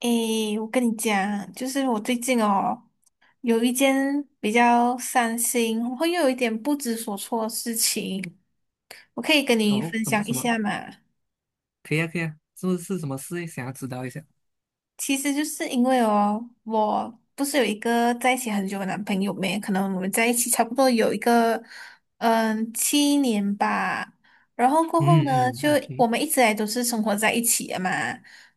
诶，我跟你讲，就是我最近哦，有一件比较伤心，然后又有一点不知所措的事情，我可以跟你哦，分什么享一什么？下嘛。可以啊，可以啊，是不是什么事？想要知道一下。其实就是因为哦，我不是有一个在一起很久的男朋友没？可能我们在一起差不多有一个七年吧。然后过后呢，嗯嗯就，OK，我们一直来都是生活在一起的嘛。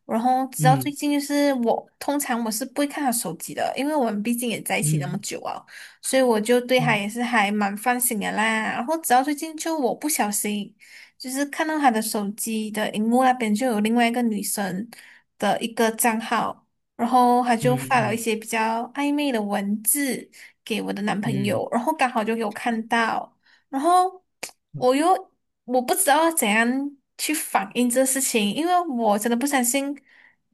然后直到最嗯近，就是我通常我是不会看他手机的，因为我们毕竟也在一起那么嗯久啊，所以我就对他嗯也是还蛮放心的啦。然后直到最近，就我不小心。就是看到她的手机的荧幕那边就有另外一个女生的一个账号，然后她嗯就发了一嗯些比较暧昧的文字给我的男朋嗯友，然后刚好就有看到，然后我又我不知道怎样去反应这事情，因为我真的不相信，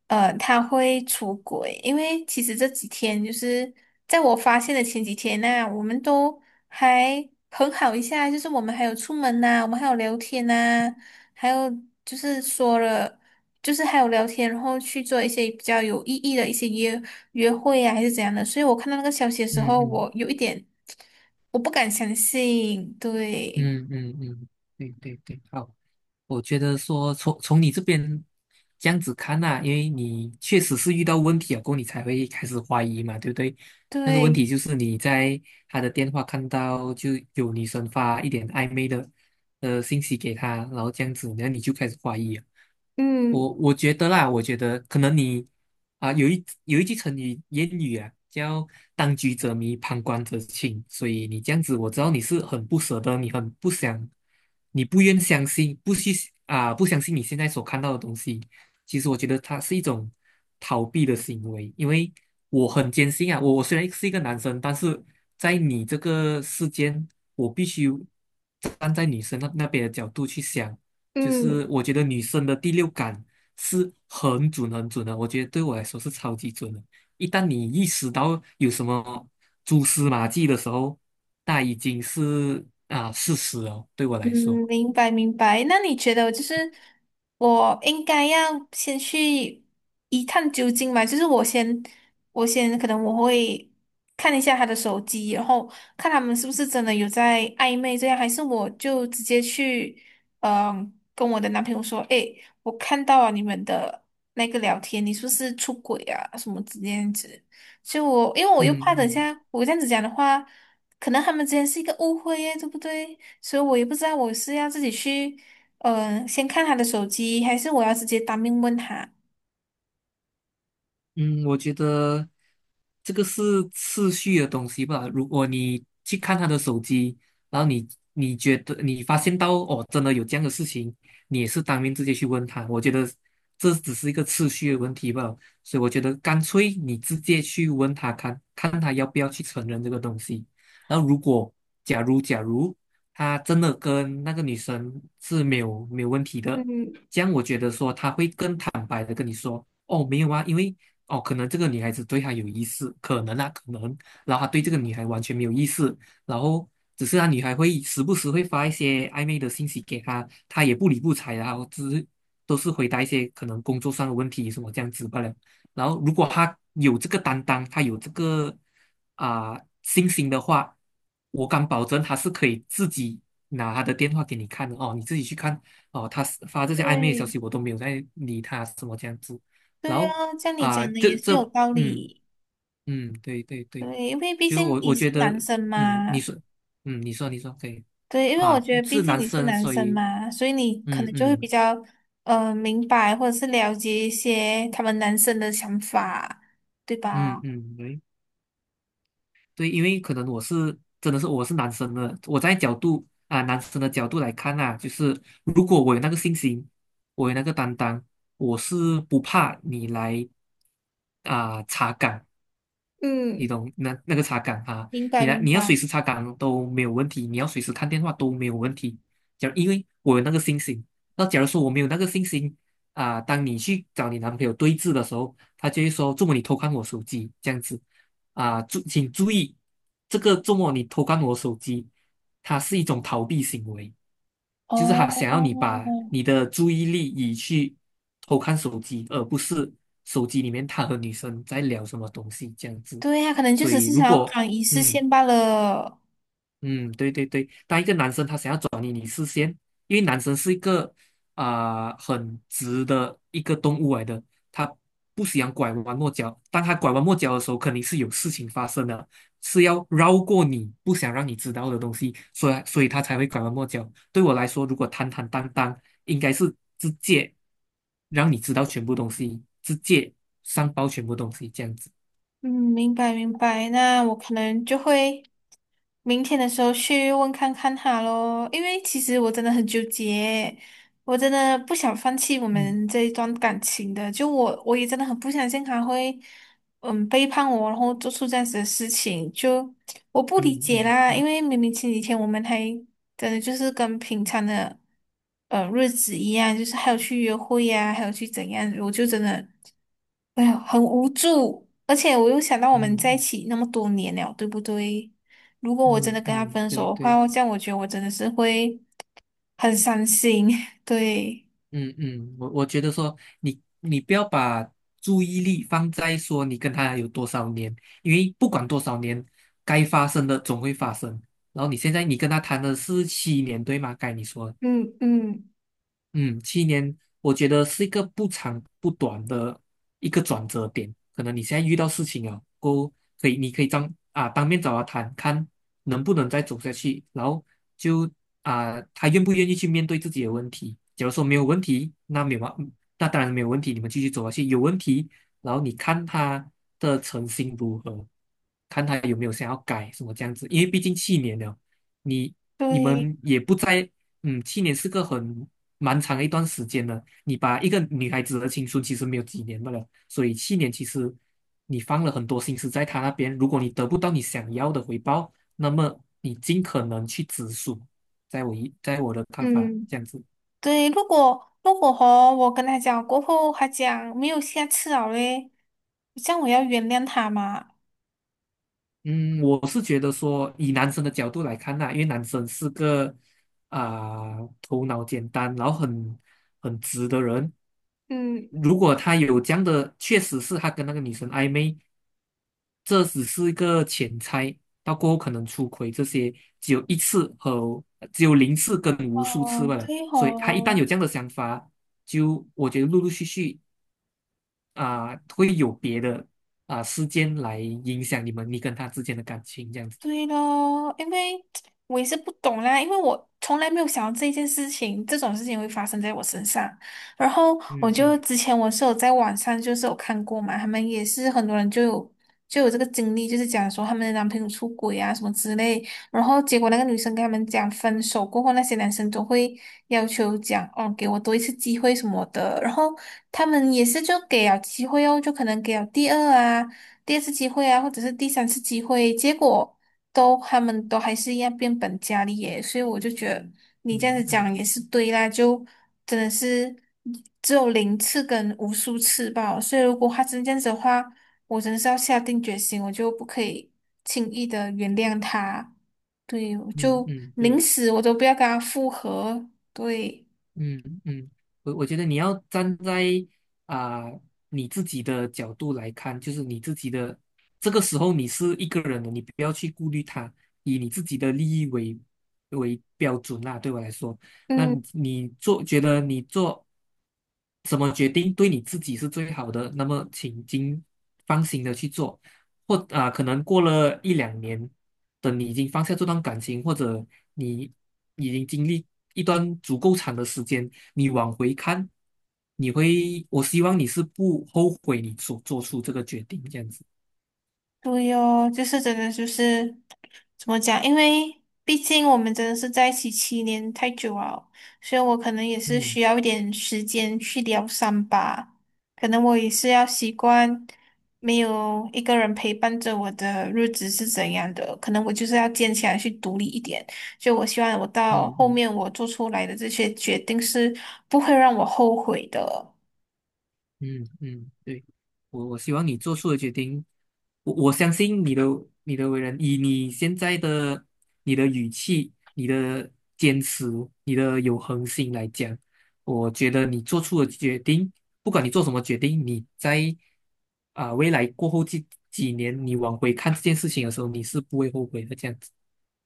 他会出轨，因为其实这几天就是在我发现的前几天呢、我们都。还很好一下，就是我们还有出门呐、我们还有聊天呐、还有就是说了，就是还有聊天，然后去做一些比较有意义的一些约会啊，还是怎样的。所以我看到那个消息的时候，嗯我有一点我不敢相信。对嗯嗯嗯嗯，对对对，好，我觉得说从你这边这样子看呐、因为你确实是遇到问题了，过后你才会开始怀疑嘛，对不对？那个问对，题就是你在他的电话看到就有女生发一点暧昧的信息给他，然后这样子，然后你就开始怀疑了。嗯我觉得啦，我觉得可能你有一句成语谚语啊，叫"当局者迷，旁观者清"。所以你这样子，我知道你是很不舍得，你很不想，你不愿相信，不去啊、不相信你现在所看到的东西。其实我觉得它是一种逃避的行为，因为我很坚信啊，我虽然是一个男生，但是在你这个世间，我必须站在女生那边的角度去想。就是嗯，我觉得女生的第六感是很准很准的，我觉得对我来说是超级准的。一旦你意识到有什么蛛丝马迹的时候，那已经是啊事实哦。对我嗯，来说。明白明白。那你觉得就是我应该要先去一探究竟嘛？就是我先，我先可能我会看一下他的手机，然后看他们是不是真的有在暧昧这样，还是我就直接去，嗯、跟我的男朋友说，诶，我看到了你们的那个聊天，你是不是出轨啊？什么之样子？就我，因为我又怕嗯等一嗯下我这样子讲的话，可能他们之间是一个误会耶，对不对？所以我也不知道我是要自己去，先看他的手机，还是我要直接当面问他。嗯，我觉得这个是次序的东西吧。如果你去看他的手机，然后你觉得你发现到哦，真的有这样的事情，你也是当面直接去问他。我觉得这只是一个次序的问题吧。所以我觉得干脆你直接去问他看，看他要不要去承认这个东西。然后如果假如他真的跟那个女生是没有问题的，嗯，这样我觉得说他会更坦白的跟你说。哦，没有啊，因为哦，可能这个女孩子对他有意思，可能啊，可能，然后他对这个女孩完全没有意思，然后只是他女孩会时不时会发一些暧昧的信息给他，他也不理不睬，然后只是都是回答一些可能工作上的问题什么这样子罢了。然后如果他有这个担当，他有这个啊、信心的话，我敢保证他是可以自己拿他的电话给你看的哦，你自己去看哦，他发这些暧昧的消息对，我都没有在理他什么这样子。然对啊，后像你啊，讲的也是有道嗯理。嗯，对对对，对，因为毕就竟我你我觉是得，男生嘛。嗯，你说，嗯，你说可以，对，因为我啊，觉得毕是竟男你是生，男所生以，嘛，所以你可嗯能就会比嗯较明白或者是了解一些他们男生的想法，对嗯吧？嗯，对对，因为可能我是真的是我是男生的，我在角度啊男生的角度来看啊，就是如果我有那个信心，我有那个担当，我是不怕你来啊、查岗，嗯，你懂那个擦杆啊，明白你来明你要随白。时擦杆都没有问题，你要随时看电话都没有问题。假如因为我有那个信心，那假如说我没有那个信心当你去找你男朋友对峙的时候，他就会说："周末你偷看我手机这样子啊，请注意，这个周末你偷看我手机，它是一种逃避行为。"就是他想要你哦，把你的注意力移去偷看手机，而不是手机里面他和女生在聊什么东西这样子。对呀，可能就所只以是想如要果赶一次嗯线罢了。嗯，对对对，当一个男生他想要转移你视线，因为男生是一个很直的一个动物来的，他不喜欢拐弯抹角。当他拐弯抹角的时候，肯定是有事情发生的，是要绕过你不想让你知道的东西，所以他才会拐弯抹角。对我来说，如果坦坦荡荡，应该是直接让你知道全部东西，直接上报全部东西这样子。嗯，明白明白，那我可能就会明天的时候去问看看他喽。因为其实我真的很纠结，我真的不想放弃我嗯们这一段感情的，就我也真的很不相信他会，嗯，背叛我，然后做出这样子的事情，就我不理嗯解嗯啦，因嗯为明明前几天我们还真的就是跟平常的，日子一样，就是还有去约会呀、还有去怎样，我就真的。哎呀，很无助，而且我又想到我们在一嗯起那么多年了，对不对？如果我真的嗯跟他嗯，嗯，分手对的对。话，这样我觉得我真的是会很伤心。对，嗯嗯，我觉得说你不要把注意力放在说你跟他有多少年，因为不管多少年，该发生的总会发生。然后你现在你跟他谈的是七年，对吗？该你说的。嗯嗯，嗯，七年，我觉得是一个不长不短的一个转折点。可能你现在遇到事情啊，过后可以，你可以当面找他谈，看能不能再走下去，然后就他愿不愿意去面对自己的问题。假如说没有问题，那没有嘛，那当然没有问题，你们继续走下去。有问题，然后你看他的诚心如何，看他有没有想要改什么这样子。因为毕竟七年了，你你对，们也不在。嗯，七年是个蛮长的一段时间的。你把一个女孩子的青春其实没有几年的了，所以七年其实你放了很多心思在她那边。如果你得不到你想要的回报，那么你尽可能去止损。在我的看法，嗯这样子。对。如果如果和我跟他讲过后，他讲没有下次了嘞，这样我要原谅他嘛？嗯，我是觉得说，以男生的角度来看呐、因为男生是个头脑简单，然后很直的人，嗯，如果他有这样的，确实是他跟那个女生暧昧，这只是一个浅猜，到过后可能出轨这些只有一次和只有零次跟无数次哦，罢了。对所以他一旦哦。有这样的想法，就我觉得陆陆续续会有别的事件来影响你跟他之间的感情这样子。对咯，因为我也是不懂啦，因为我从来没有想到这件事情，这种事情会发生在我身上。然后我嗯就嗯之前我是有在网上就是有看过嘛，他们也是很多人就有这个经历，就是讲说他们的男朋友出轨啊什么之类，然后结果那个女生跟他们讲分手过后，那些男生都会要求讲哦给我多一次机会什么的，然后他们也是就给了机会哦，就可能给了第二次机会啊，或者是第三次机会，结果他们都还是一样变本加厉耶，所以我就觉得你这样子嗯讲也是对啦，就真的是只有零次跟无数次吧，所以如果他真这样子的话，我真的是要下定决心，我就不可以轻易的原谅他，对，我嗯就嗯嗯，宁对。死我都不要跟他复合。对，嗯嗯，我觉得你要站在啊、你自己的角度来看，就是你自己的这个时候你是一个人的，你不要去顾虑他，以你自己的利益为标准啦。对我来说，那你嗯，你做觉得你做什么决定对你自己是最好的，那么请尽放心的去做。可能过了一两年，等你已经放下这段感情，或者你已经经历一段足够长的时间，你往回看，我希望你是不后悔你所做出这个决定，这样子。对哦，就是真的就是。怎么讲？因为毕竟我们真的是在一起七年太久了，所以我可能也是嗯需要一点时间去疗伤吧。可能我也是要习惯没有一个人陪伴着我的日子是怎样的，可能我就是要坚强去独立一点。就我希望我到嗯后嗯。面我做出来的这些决定是不会让我后悔的。嗯嗯，对，我希望你做出的决定，我相信你的为人，以你的语气、你的坚持、你的有恒心来讲，我觉得你做出的决定，不管你做什么决定，你在未来过后这几年，你往回看这件事情的时候，你是不会后悔的。这样子，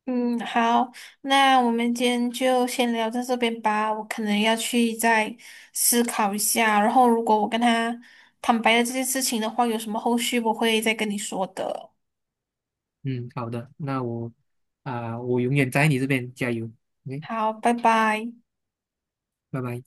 嗯，好，那我们今天就先聊到这边吧。我可能要去再思考一下，然后如果我跟他坦白了这件事情的话，有什么后续我会再跟你说的。嗯，好的，那我永远在你这边加油，OK,好，拜拜。拜拜。